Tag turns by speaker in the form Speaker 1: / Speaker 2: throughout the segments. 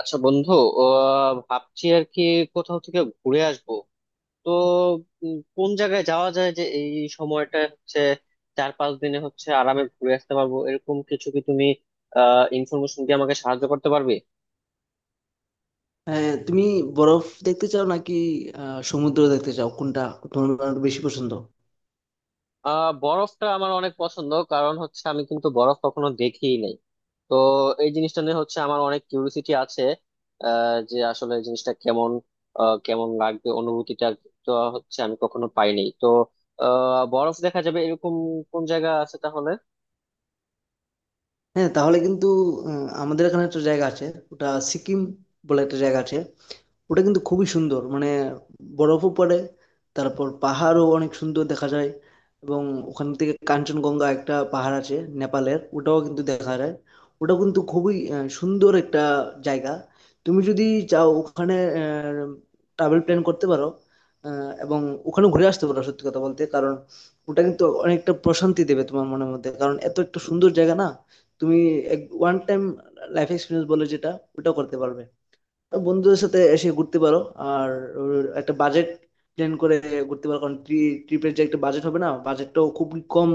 Speaker 1: আচ্ছা বন্ধু। ভাবছি আর কি কোথাও থেকে ঘুরে আসবো। তো কোন জায়গায় যাওয়া যায় যে এই সময়টা হচ্ছে 4 5 দিনে হচ্ছে আরামে ঘুরে আসতে পারবো, এরকম কিছু কি তুমি ইনফরমেশন দিয়ে আমাকে সাহায্য করতে পারবে?
Speaker 2: হ্যাঁ, তুমি বরফ দেখতে চাও নাকি সমুদ্র দেখতে চাও? কোনটা তোমার বেশি পছন্দ?
Speaker 1: বরফটা আমার অনেক পছন্দ, কারণ হচ্ছে আমি কিন্তু বরফ কখনো দেখিই নাই। তো এই জিনিসটা নিয়ে হচ্ছে আমার অনেক কিউরিসিটি আছে, যে আসলে এই জিনিসটা কেমন, কেমন লাগবে অনুভূতিটা। তো হচ্ছে আমি কখনো পাইনি, তো বরফ দেখা যাবে এরকম কোন জায়গা আছে তাহলে?
Speaker 2: হ্যাঁ, তাহলে কিন্তু আমাদের এখানে একটা জায়গা আছে, ওটা সিকিম বলে একটা জায়গা আছে। ওটা কিন্তু খুবই সুন্দর, মানে বরফও পড়ে, তারপর পাহাড়ও অনেক সুন্দর দেখা যায়। এবং ওখান থেকে কাঞ্চনগঙ্গা একটা পাহাড় আছে নেপালের, ওটাও কিন্তু দেখা যায়। ওটা কিন্তু খুবই সুন্দর একটা জায়গা। তুমি যদি চাও, ওখানে ট্রাভেল প্ল্যান করতে পারো এবং ওখানে ঘুরে আসতে পারো। সত্যি কথা বলতে, কারণ ওটা কিন্তু অনেকটা প্রশান্তি দেবে তোমার মনের মধ্যে, কারণ এত একটা সুন্দর জায়গা না। তুমি এক ওয়ান টাইম লাইফ এক্সপিরিয়েন্স বলে যেটা, ওটা করতে পারবে। তো বন্ধুদের সাথে এসে ঘুরতে পারো, আর ওর একটা বাজেট প্ল্যান করে ঘুরতে পারো, কারণ ট্রিপের যে একটা বাজেট হবে না, বাজেটটাও খুব কম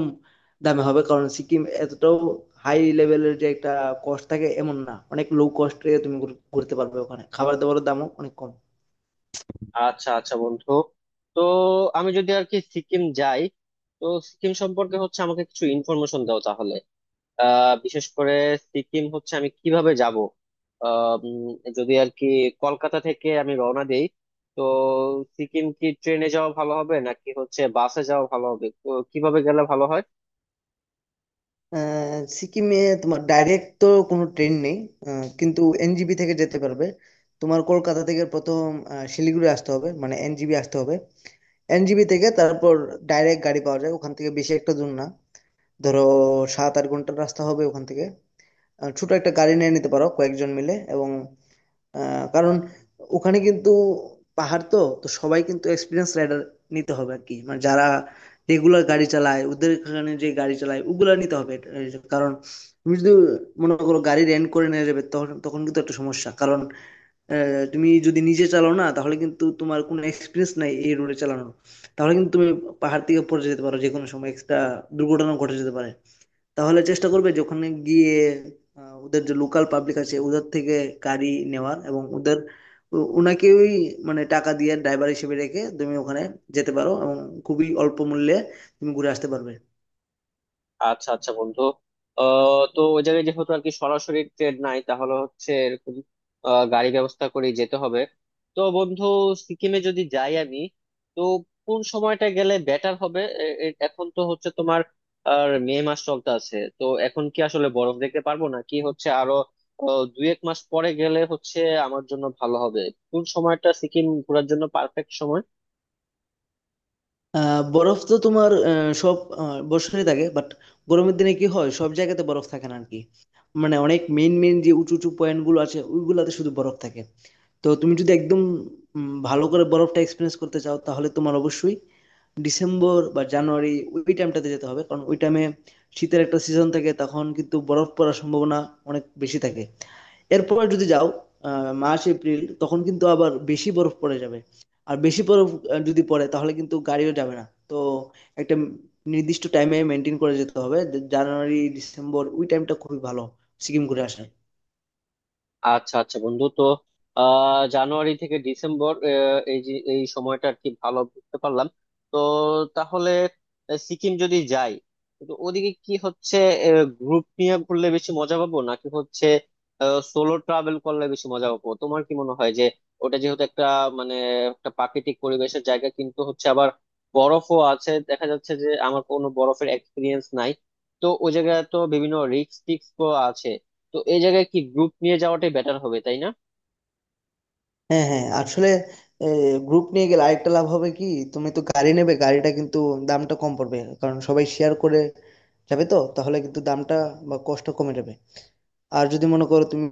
Speaker 2: দামে হবে, কারণ সিকিম এতটাও হাই লেভেলের যে একটা কস্ট থাকে এমন না, অনেক লো কস্টে তুমি ঘুরতে পারবে। ওখানে খাবার দাবারের দামও অনেক কম।
Speaker 1: আচ্ছা আচ্ছা বন্ধু, তো আমি যদি আর কি সিকিম যাই, তো সিকিম সম্পর্কে হচ্ছে আমাকে কিছু ইনফরমেশন দাও তাহলে। বিশেষ করে সিকিম হচ্ছে আমি কিভাবে যাব? যদি আর কি কলকাতা থেকে আমি রওনা দেই, তো সিকিম কি ট্রেনে যাওয়া ভালো হবে নাকি হচ্ছে বাসে যাওয়া ভালো হবে, তো কিভাবে গেলে ভালো হয়?
Speaker 2: সিকিমে তোমার ডাইরেক্ট তো কোনো ট্রেন নেই, কিন্তু এনজিবি থেকে যেতে পারবে। তোমার কলকাতা থেকে প্রথম শিলিগুড়ি আসতে হবে, মানে এনজিবি আসতে হবে। এনজিবি থেকে তারপর ডাইরেক্ট গাড়ি পাওয়া যায়, ওখান থেকে বেশি একটা দূর না। ধরো, 7-8 ঘন্টার রাস্তা হবে ওখান থেকে। ছোট একটা গাড়ি নিয়ে নিতে পারো কয়েকজন মিলে। এবং আহ, কারণ ওখানে কিন্তু পাহাড় তো তো সবাই কিন্তু এক্সপিরিয়েন্স রাইডার নিতে হবে আর কি, মানে যারা রেগুলার গাড়ি চালায় ওদের, এখানে যে গাড়ি চালায় ওগুলা নিতে হবে। কারণ তুমি যদি মনে করো গাড়ি রেন্ট করে নিয়ে যাবে, তখন তখন কিন্তু একটা সমস্যা, কারণ তুমি যদি নিজে চালাও না, তাহলে কিন্তু তোমার কোনো এক্সপিরিয়েন্স নাই এই রোডে চালানোর। তাহলে কিন্তু তুমি পাহাড় থেকে পড়ে যেতে পারো যে কোনো সময়, একটা দুর্ঘটনা ঘটে যেতে পারে। তাহলে চেষ্টা করবে যে ওখানে গিয়ে ওদের যে লোকাল পাবলিক আছে ওদের থেকে গাড়ি নেওয়ার, এবং ওদের ওনাকেই মানে টাকা দিয়ে ড্রাইভার হিসেবে রেখে তুমি ওখানে যেতে পারো, এবং খুবই অল্প মূল্যে তুমি ঘুরে আসতে পারবে।
Speaker 1: আচ্ছা আচ্ছা বন্ধু, তো ওই জায়গায় যেহেতু আর কি সরাসরি ট্রেন নাই, তাহলে হচ্ছে এরকম গাড়ি ব্যবস্থা করে যেতে হবে। তো বন্ধু, সিকিমে যদি যাই আমি, তো কোন সময়টা গেলে বেটার হবে? এখন তো হচ্ছে তোমার আর মে মাস চলতে আছে, তো এখন কি আসলে বরফ দেখতে পারবো, না কি হচ্ছে আরো 2 1 মাস পরে গেলে হচ্ছে আমার জন্য ভালো হবে? কোন সময়টা সিকিম ঘোরার জন্য পারফেক্ট সময়?
Speaker 2: বরফ তো তোমার সব বছরই থাকে, বাট গরমের দিনে কি হয়, সব জায়গাতে বরফ থাকে না আর কি। মানে অনেক মেইন মেইন যে উঁচু উঁচু পয়েন্ট গুলো আছে, ওইগুলাতে শুধু বরফ থাকে। তো তুমি যদি একদম ভালো করে বরফটা এক্সপিরিয়েন্স করতে চাও, তাহলে তোমার অবশ্যই ডিসেম্বর বা জানুয়ারি ওই টাইমটাতে যেতে হবে, কারণ ওই টাইমে শীতের একটা সিজন থাকে, তখন কিন্তু বরফ পড়ার সম্ভাবনা অনেক বেশি থাকে। এরপর যদি যাও মার্চ এপ্রিল, তখন কিন্তু আবার বেশি বরফ পড়ে যাবে। আর বেশি বরফ যদি পড়ে, তাহলে কিন্তু গাড়িও যাবে না। তো একটা নির্দিষ্ট টাইমে মেনটেন করে যেতে হবে যে জানুয়ারি ডিসেম্বর ওই টাইমটা খুবই ভালো সিকিম ঘুরে আসার।
Speaker 1: আচ্ছা আচ্ছা বন্ধু, তো জানুয়ারি থেকে ডিসেম্বর এই যে এই সময়টা আর কি ভালো বুঝতে পারলাম। তো তাহলে সিকিম যদি যাই, কিন্তু ওদিকে কি হচ্ছে গ্রুপ নিয়ে ঘুরলে বেশি মজা পাবো, নাকি হচ্ছে সোলো ট্রাভেল করলে বেশি মজা পাবো? তোমার কি মনে হয় যে ওটা যেহেতু একটা মানে একটা প্রাকৃতিক পরিবেশের জায়গা, কিন্তু হচ্ছে আবার বরফও আছে, দেখা যাচ্ছে যে আমার কোনো বরফের এক্সপিরিয়েন্স নাই, তো ওই জায়গায় তো বিভিন্ন রিস্ক টিস্ক আছে, তো এই জায়গায় কি গ্রুপ নিয়ে যাওয়াটাই বেটার হবে, তাই না?
Speaker 2: হ্যাঁ, হ্যাঁ, আসলে গ্রুপ নিয়ে গেলে আরেকটা লাভ হবে কি, তুমি তো গাড়ি নেবে, গাড়িটা কিন্তু দামটা কম পড়বে, কারণ সবাই শেয়ার করে যাবে। তো তাহলে কিন্তু দামটা বা কষ্ট কমে যাবে। আর যদি মনে করো তুমি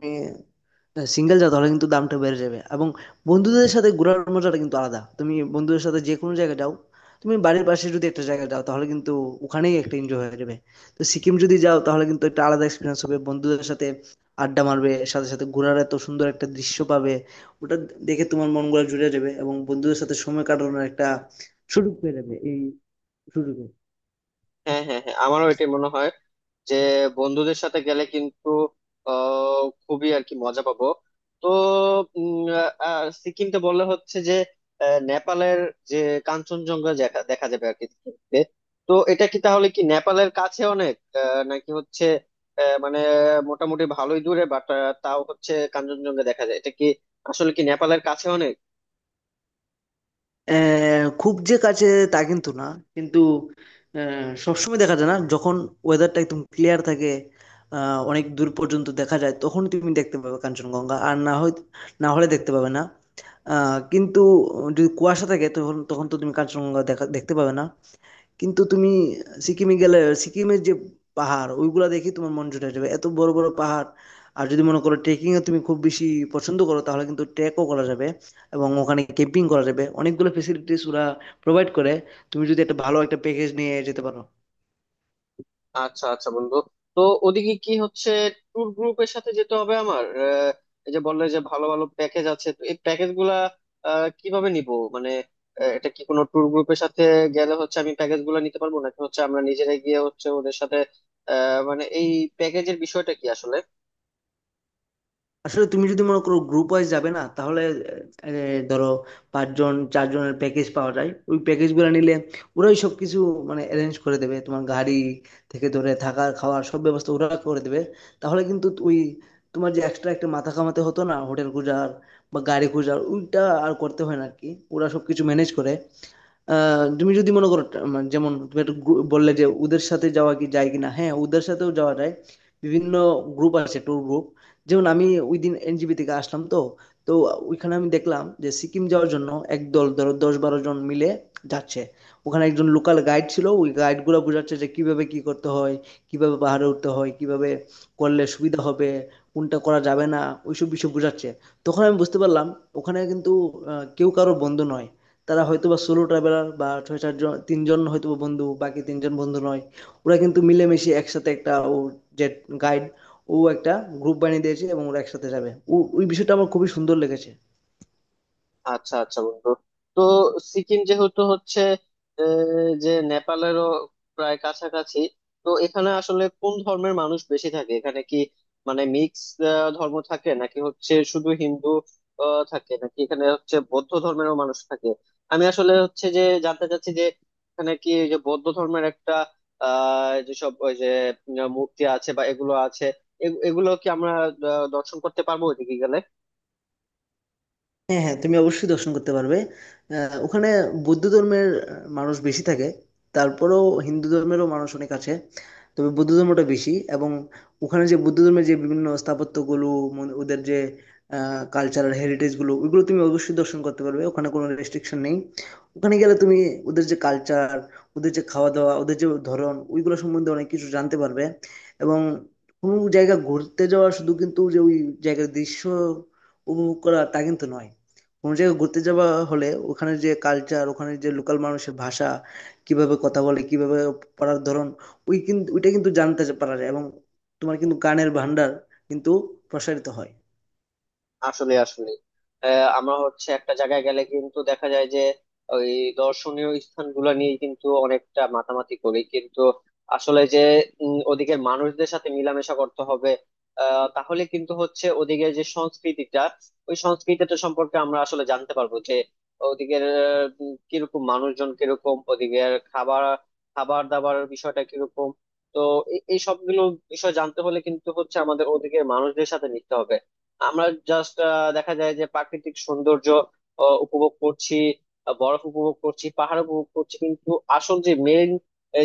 Speaker 2: সিঙ্গেল যাও, তাহলে কিন্তু দামটা বেড়ে যাবে। এবং বন্ধুদের সাথে ঘোরার মজাটা কিন্তু আলাদা। তুমি বন্ধুদের সাথে যে কোনো জায়গায় যাও, তুমি বাড়ির পাশে যদি একটা জায়গায় যাও, তাহলে কিন্তু ওখানেই একটা এনজয় হয়ে যাবে। তো সিকিম যদি যাও, তাহলে কিন্তু একটা আলাদা এক্সপিরিয়েন্স হবে। বন্ধুদের সাথে আড্ডা মারবে, সাথে সাথে ঘোরার এত সুন্দর একটা দৃশ্য পাবে, ওটা দেখে তোমার মন গুলা জুড়ে যাবে, এবং বন্ধুদের সাথে সময় কাটানোর একটা সুযোগ পেয়ে যাবে এই সুযোগে।
Speaker 1: হ্যাঁ, হ্যাঁ, হ্যাঁ, আমারও এটাই মনে হয় যে বন্ধুদের সাথে গেলে কিন্তু খুবই আর কি মজা পাবো। তো উম, সিকিমকে বললে হচ্ছে যে নেপালের যে কাঞ্চনজঙ্ঘা দেখা দেখা যাবে আর কি সিকিমে। তো এটা কি তাহলে কি নেপালের কাছে অনেক নাকি হচ্ছে মানে মোটামুটি ভালোই দূরে, বাট তাও হচ্ছে কাঞ্চনজঙ্ঘা দেখা যায়? এটা কি আসলে কি নেপালের কাছে অনেক?
Speaker 2: খুব যে কাছে তা কিন্তু না, কিন্তু সবসময় দেখা যায় না। যখন ওয়েদারটা একদম ক্লিয়ার থাকে অনেক দূর পর্যন্ত দেখা যায়, তখন তুমি দেখতে পাবে কাঞ্চনজঙ্ঘা, আর না হয় না হলে দেখতে পাবে না। কিন্তু যদি কুয়াশা থাকে, তখন তখন তো তুমি কাঞ্চনজঙ্ঘা দেখতে পাবে না। কিন্তু তুমি সিকিমে গেলে সিকিমের যে পাহাড় ওইগুলা দেখে তোমার মন জুড়ে যাবে, এত বড় বড় পাহাড়। আর যদি মনে করো ট্রেকিং এ তুমি খুব বেশি পছন্দ করো, তাহলে কিন্তু ট্রেকও করা যাবে, এবং ওখানে ক্যাম্পিং করা যাবে। অনেকগুলো ফেসিলিটিস ওরা প্রোভাইড করে। তুমি যদি একটা ভালো একটা প্যাকেজ নিয়ে যেতে পারো।
Speaker 1: আচ্ছা আচ্ছা বন্ধু, তো ওদিকে কি হচ্ছে ট্যুর গ্রুপের সাথে যেতে হবে আমার? এই যে বললে যে ভালো ভালো প্যাকেজ আছে, তো এই প্যাকেজ গুলা কিভাবে নিব? মানে এটা কি কোনো ট্যুর গ্রুপের সাথে গেলে হচ্ছে আমি প্যাকেজ গুলা নিতে পারবো, নাকি হচ্ছে আমরা নিজেরা গিয়ে হচ্ছে ওদের সাথে মানে এই প্যাকেজের বিষয়টা কি আসলে?
Speaker 2: আসলে তুমি যদি মনে করো গ্রুপ ওয়াইজ যাবে না, তাহলে ধরো পাঁচজন চারজনের প্যাকেজ পাওয়া যায়। ওই প্যাকেজগুলো নিলে ওরাই সব কিছু মানে অ্যারেঞ্জ করে দেবে, তোমার গাড়ি থেকে ধরে থাকার খাওয়ার সব ব্যবস্থা ওরা করে দেবে। তাহলে কিন্তু ওই তোমার যে এক্সট্রা একটা মাথা কামাতে হতো না হোটেল খোঁজার বা গাড়ি খোঁজার, ওইটা আর করতে হয় না আর কি, ওরা সব কিছু ম্যানেজ করে। তুমি যদি মনে করো মানে যেমন তুমি একটু বললে যে ওদের সাথে যাওয়া কি যায় কিনা, হ্যাঁ, ওদের সাথেও যাওয়া যায়। বিভিন্ন গ্রুপ আছে ট্যুর গ্রুপ। যেমন আমি ওই দিন এনজিপি থেকে আসলাম, তো তো ওইখানে আমি দেখলাম যে সিকিম যাওয়ার জন্য একদল, ধরো 10-12 জন মিলে যাচ্ছে। ওখানে একজন লোকাল গাইড ছিল, ওই গাইড গুলো বোঝাচ্ছে যে কিভাবে কি করতে হয়, কিভাবে পাহাড়ে উঠতে হয়, কিভাবে করলে সুবিধা হবে, কোনটা করা যাবে না, ওইসব বিষয় বোঝাচ্ছে। তখন আমি বুঝতে পারলাম ওখানে কিন্তু কেউ কারো বন্ধু নয়। তারা হয়তো বা সোলো ট্রাভেলার, বা ছয় চারজন তিনজন হয়তো বা বন্ধু, বাকি তিনজন বন্ধু নয়। ওরা কিন্তু মিলেমিশে একসাথে একটা ও যে গাইড ও একটা গ্রুপ বানিয়ে দিয়েছে, এবং ওরা একসাথে যাবে, ও ওই বিষয়টা আমার খুবই সুন্দর লেগেছে।
Speaker 1: আচ্ছা আচ্ছা বন্ধু, তো সিকিম যেহেতু হচ্ছে যে নেপালেরও প্রায় কাছাকাছি, তো এখানে আসলে কোন ধর্মের মানুষ বেশি থাকে? এখানে কি মানে মিক্স ধর্ম থাকে, নাকি হচ্ছে শুধু হিন্দু থাকে, নাকি এখানে হচ্ছে বৌদ্ধ ধর্মেরও মানুষ থাকে? আমি আসলে হচ্ছে যে জানতে চাচ্ছি যে এখানে কি এই যে বৌদ্ধ ধর্মের একটা যেসব ওই যে মূর্তি আছে বা এগুলো আছে, এগুলো কি আমরা দর্শন করতে পারবো ওইদিকে গেলে?
Speaker 2: হ্যাঁ, হ্যাঁ, তুমি অবশ্যই দর্শন করতে পারবে। ওখানে বৌদ্ধ ধর্মের মানুষ বেশি থাকে, তারপরেও হিন্দু ধর্মেরও মানুষ অনেক আছে, তবে বৌদ্ধ ধর্মটা বেশি। এবং ওখানে যে বৌদ্ধ ধর্মের যে বিভিন্ন স্থাপত্যগুলো, ওদের যে কালচারাল হেরিটেজগুলো, ওইগুলো তুমি অবশ্যই দর্শন করতে পারবে, ওখানে কোনো রেস্ট্রিকশন নেই। ওখানে গেলে তুমি ওদের যে কালচার, ওদের যে খাওয়া দাওয়া, ওদের যে ধরন, ওইগুলো সম্বন্ধে অনেক কিছু জানতে পারবে। এবং কোনো জায়গা ঘুরতে যাওয়া শুধু কিন্তু যে ওই জায়গার দৃশ্য উপভোগ করা তা কিন্তু নয়, কোনো জায়গায় ঘুরতে যাওয়া হলে ওখানে যে কালচার, ওখানে যে লোকাল মানুষের ভাষা, কিভাবে কথা বলে, কিভাবে পড়ার ধরন, ওই কিন্তু ওইটা কিন্তু জানতে পারা যায়, এবং তোমার কিন্তু গানের ভান্ডার কিন্তু প্রসারিত হয়।
Speaker 1: আসলে আসলে আমরা হচ্ছে একটা জায়গায় গেলে কিন্তু দেখা যায় যে ওই দর্শনীয় স্থানগুলো নিয়ে কিন্তু অনেকটা মাতামাতি করি, কিন্তু আসলে যে ওদিকের মানুষদের সাথে মেলামেশা করতে হবে। তাহলে কিন্তু হচ্ছে ওদিকে যে সংস্কৃতিটা, ওই সংস্কৃতিটা সম্পর্কে আমরা আসলে জানতে পারবো যে ওদিকের কিরকম মানুষজন, কিরকম ওদিকের খাবার খাবার দাবার বিষয়টা কিরকম। তো এই এই সবগুলো বিষয় জানতে হলে কিন্তু হচ্ছে আমাদের ওদিকের মানুষদের সাথে মিশতে হবে। আমরা জাস্ট দেখা যায় যে প্রাকৃতিক সৌন্দর্য উপভোগ করছি, বরফ উপভোগ করছি, পাহাড় উপভোগ করছি, কিন্তু আসল যে মেইন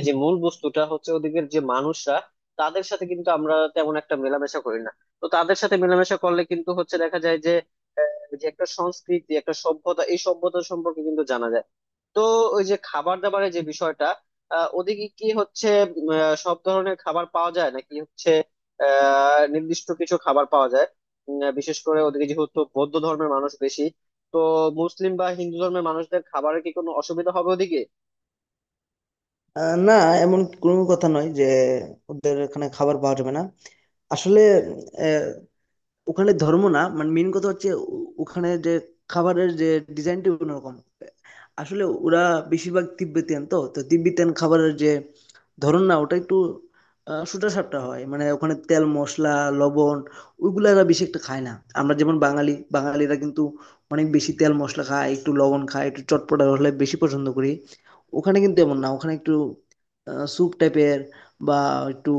Speaker 1: যে মূল বস্তুটা হচ্ছে ওদিকের যে মানুষরা, তাদের সাথে কিন্তু আমরা তেমন একটা মেলামেশা করি না। তো তাদের সাথে মেলামেশা করলে কিন্তু হচ্ছে দেখা যায় যে যে একটা সংস্কৃতি, একটা সভ্যতা, এই সভ্যতা সম্পর্কে কিন্তু জানা যায়। তো ওই যে খাবার দাবারের যে বিষয়টা, ওদিকে কি হচ্ছে সব ধরনের খাবার পাওয়া যায়, নাকি হচ্ছে নির্দিষ্ট কিছু খাবার পাওয়া যায়? বিশেষ করে ওদিকে যেহেতু বৌদ্ধ ধর্মের মানুষ বেশি, তো মুসলিম বা হিন্দু ধর্মের মানুষদের খাবারের কি কোনো অসুবিধা হবে ওদিকে?
Speaker 2: না, এমন কোনো কথা নয় যে ওদের এখানে খাবার পাওয়া যাবে না। আসলে ওখানে ধর্ম না, মানে মেইন কথা হচ্ছে ওখানে যে খাবারের যে ডিজাইনটি অন্যরকম। আসলে ওরা বেশিরভাগ তিব্বেতিয়ান, তো তো তিব্বেতিয়ান খাবারের যে ধরন না ওটা একটু সুটা সাপটা হয়, মানে ওখানে তেল মশলা লবণ ওইগুলো এরা বেশি একটা খায় না। আমরা যেমন বাঙালি, বাঙালিরা কিন্তু অনেক বেশি তেল মশলা খায়, একটু লবণ খায়, একটু চটপটা হলে বেশি পছন্দ করি। ওখানে কিন্তু এমন না, ওখানে একটু স্যুপ টাইপের বা একটু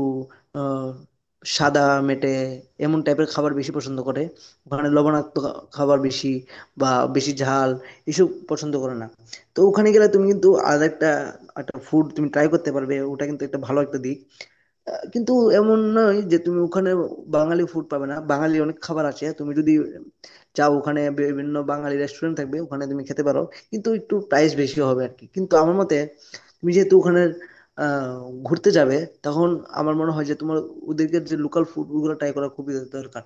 Speaker 2: সাদা মেটে এমন টাইপের খাবার বেশি পছন্দ করে। ওখানে লবণাক্ত খাবার বেশি বা বেশি ঝাল এসব পছন্দ করে না। তো ওখানে গেলে তুমি কিন্তু আর একটা একটা ফুড তুমি ট্রাই করতে পারবে, ওটা কিন্তু একটা ভালো একটা দিক। কিন্তু এমন নয় যে তুমি ওখানে বাঙালি ফুড পাবে না। বাঙালি অনেক খাবার আছে। তুমি যদি চাও ওখানে বিভিন্ন বাঙালি রেস্টুরেন্ট থাকবে, ওখানে তুমি খেতে পারো। কিন্তু একটু প্রাইস বেশি হবে আর কি। কিন্তু আমার মতে তুমি যেহেতু ওখানে আ ঘুরতে যাবে, তখন আমার মনে হয় যে তোমার ওদেরকে যে লোকাল ফুড ওগুলো ট্রাই করা খুবই দরকার।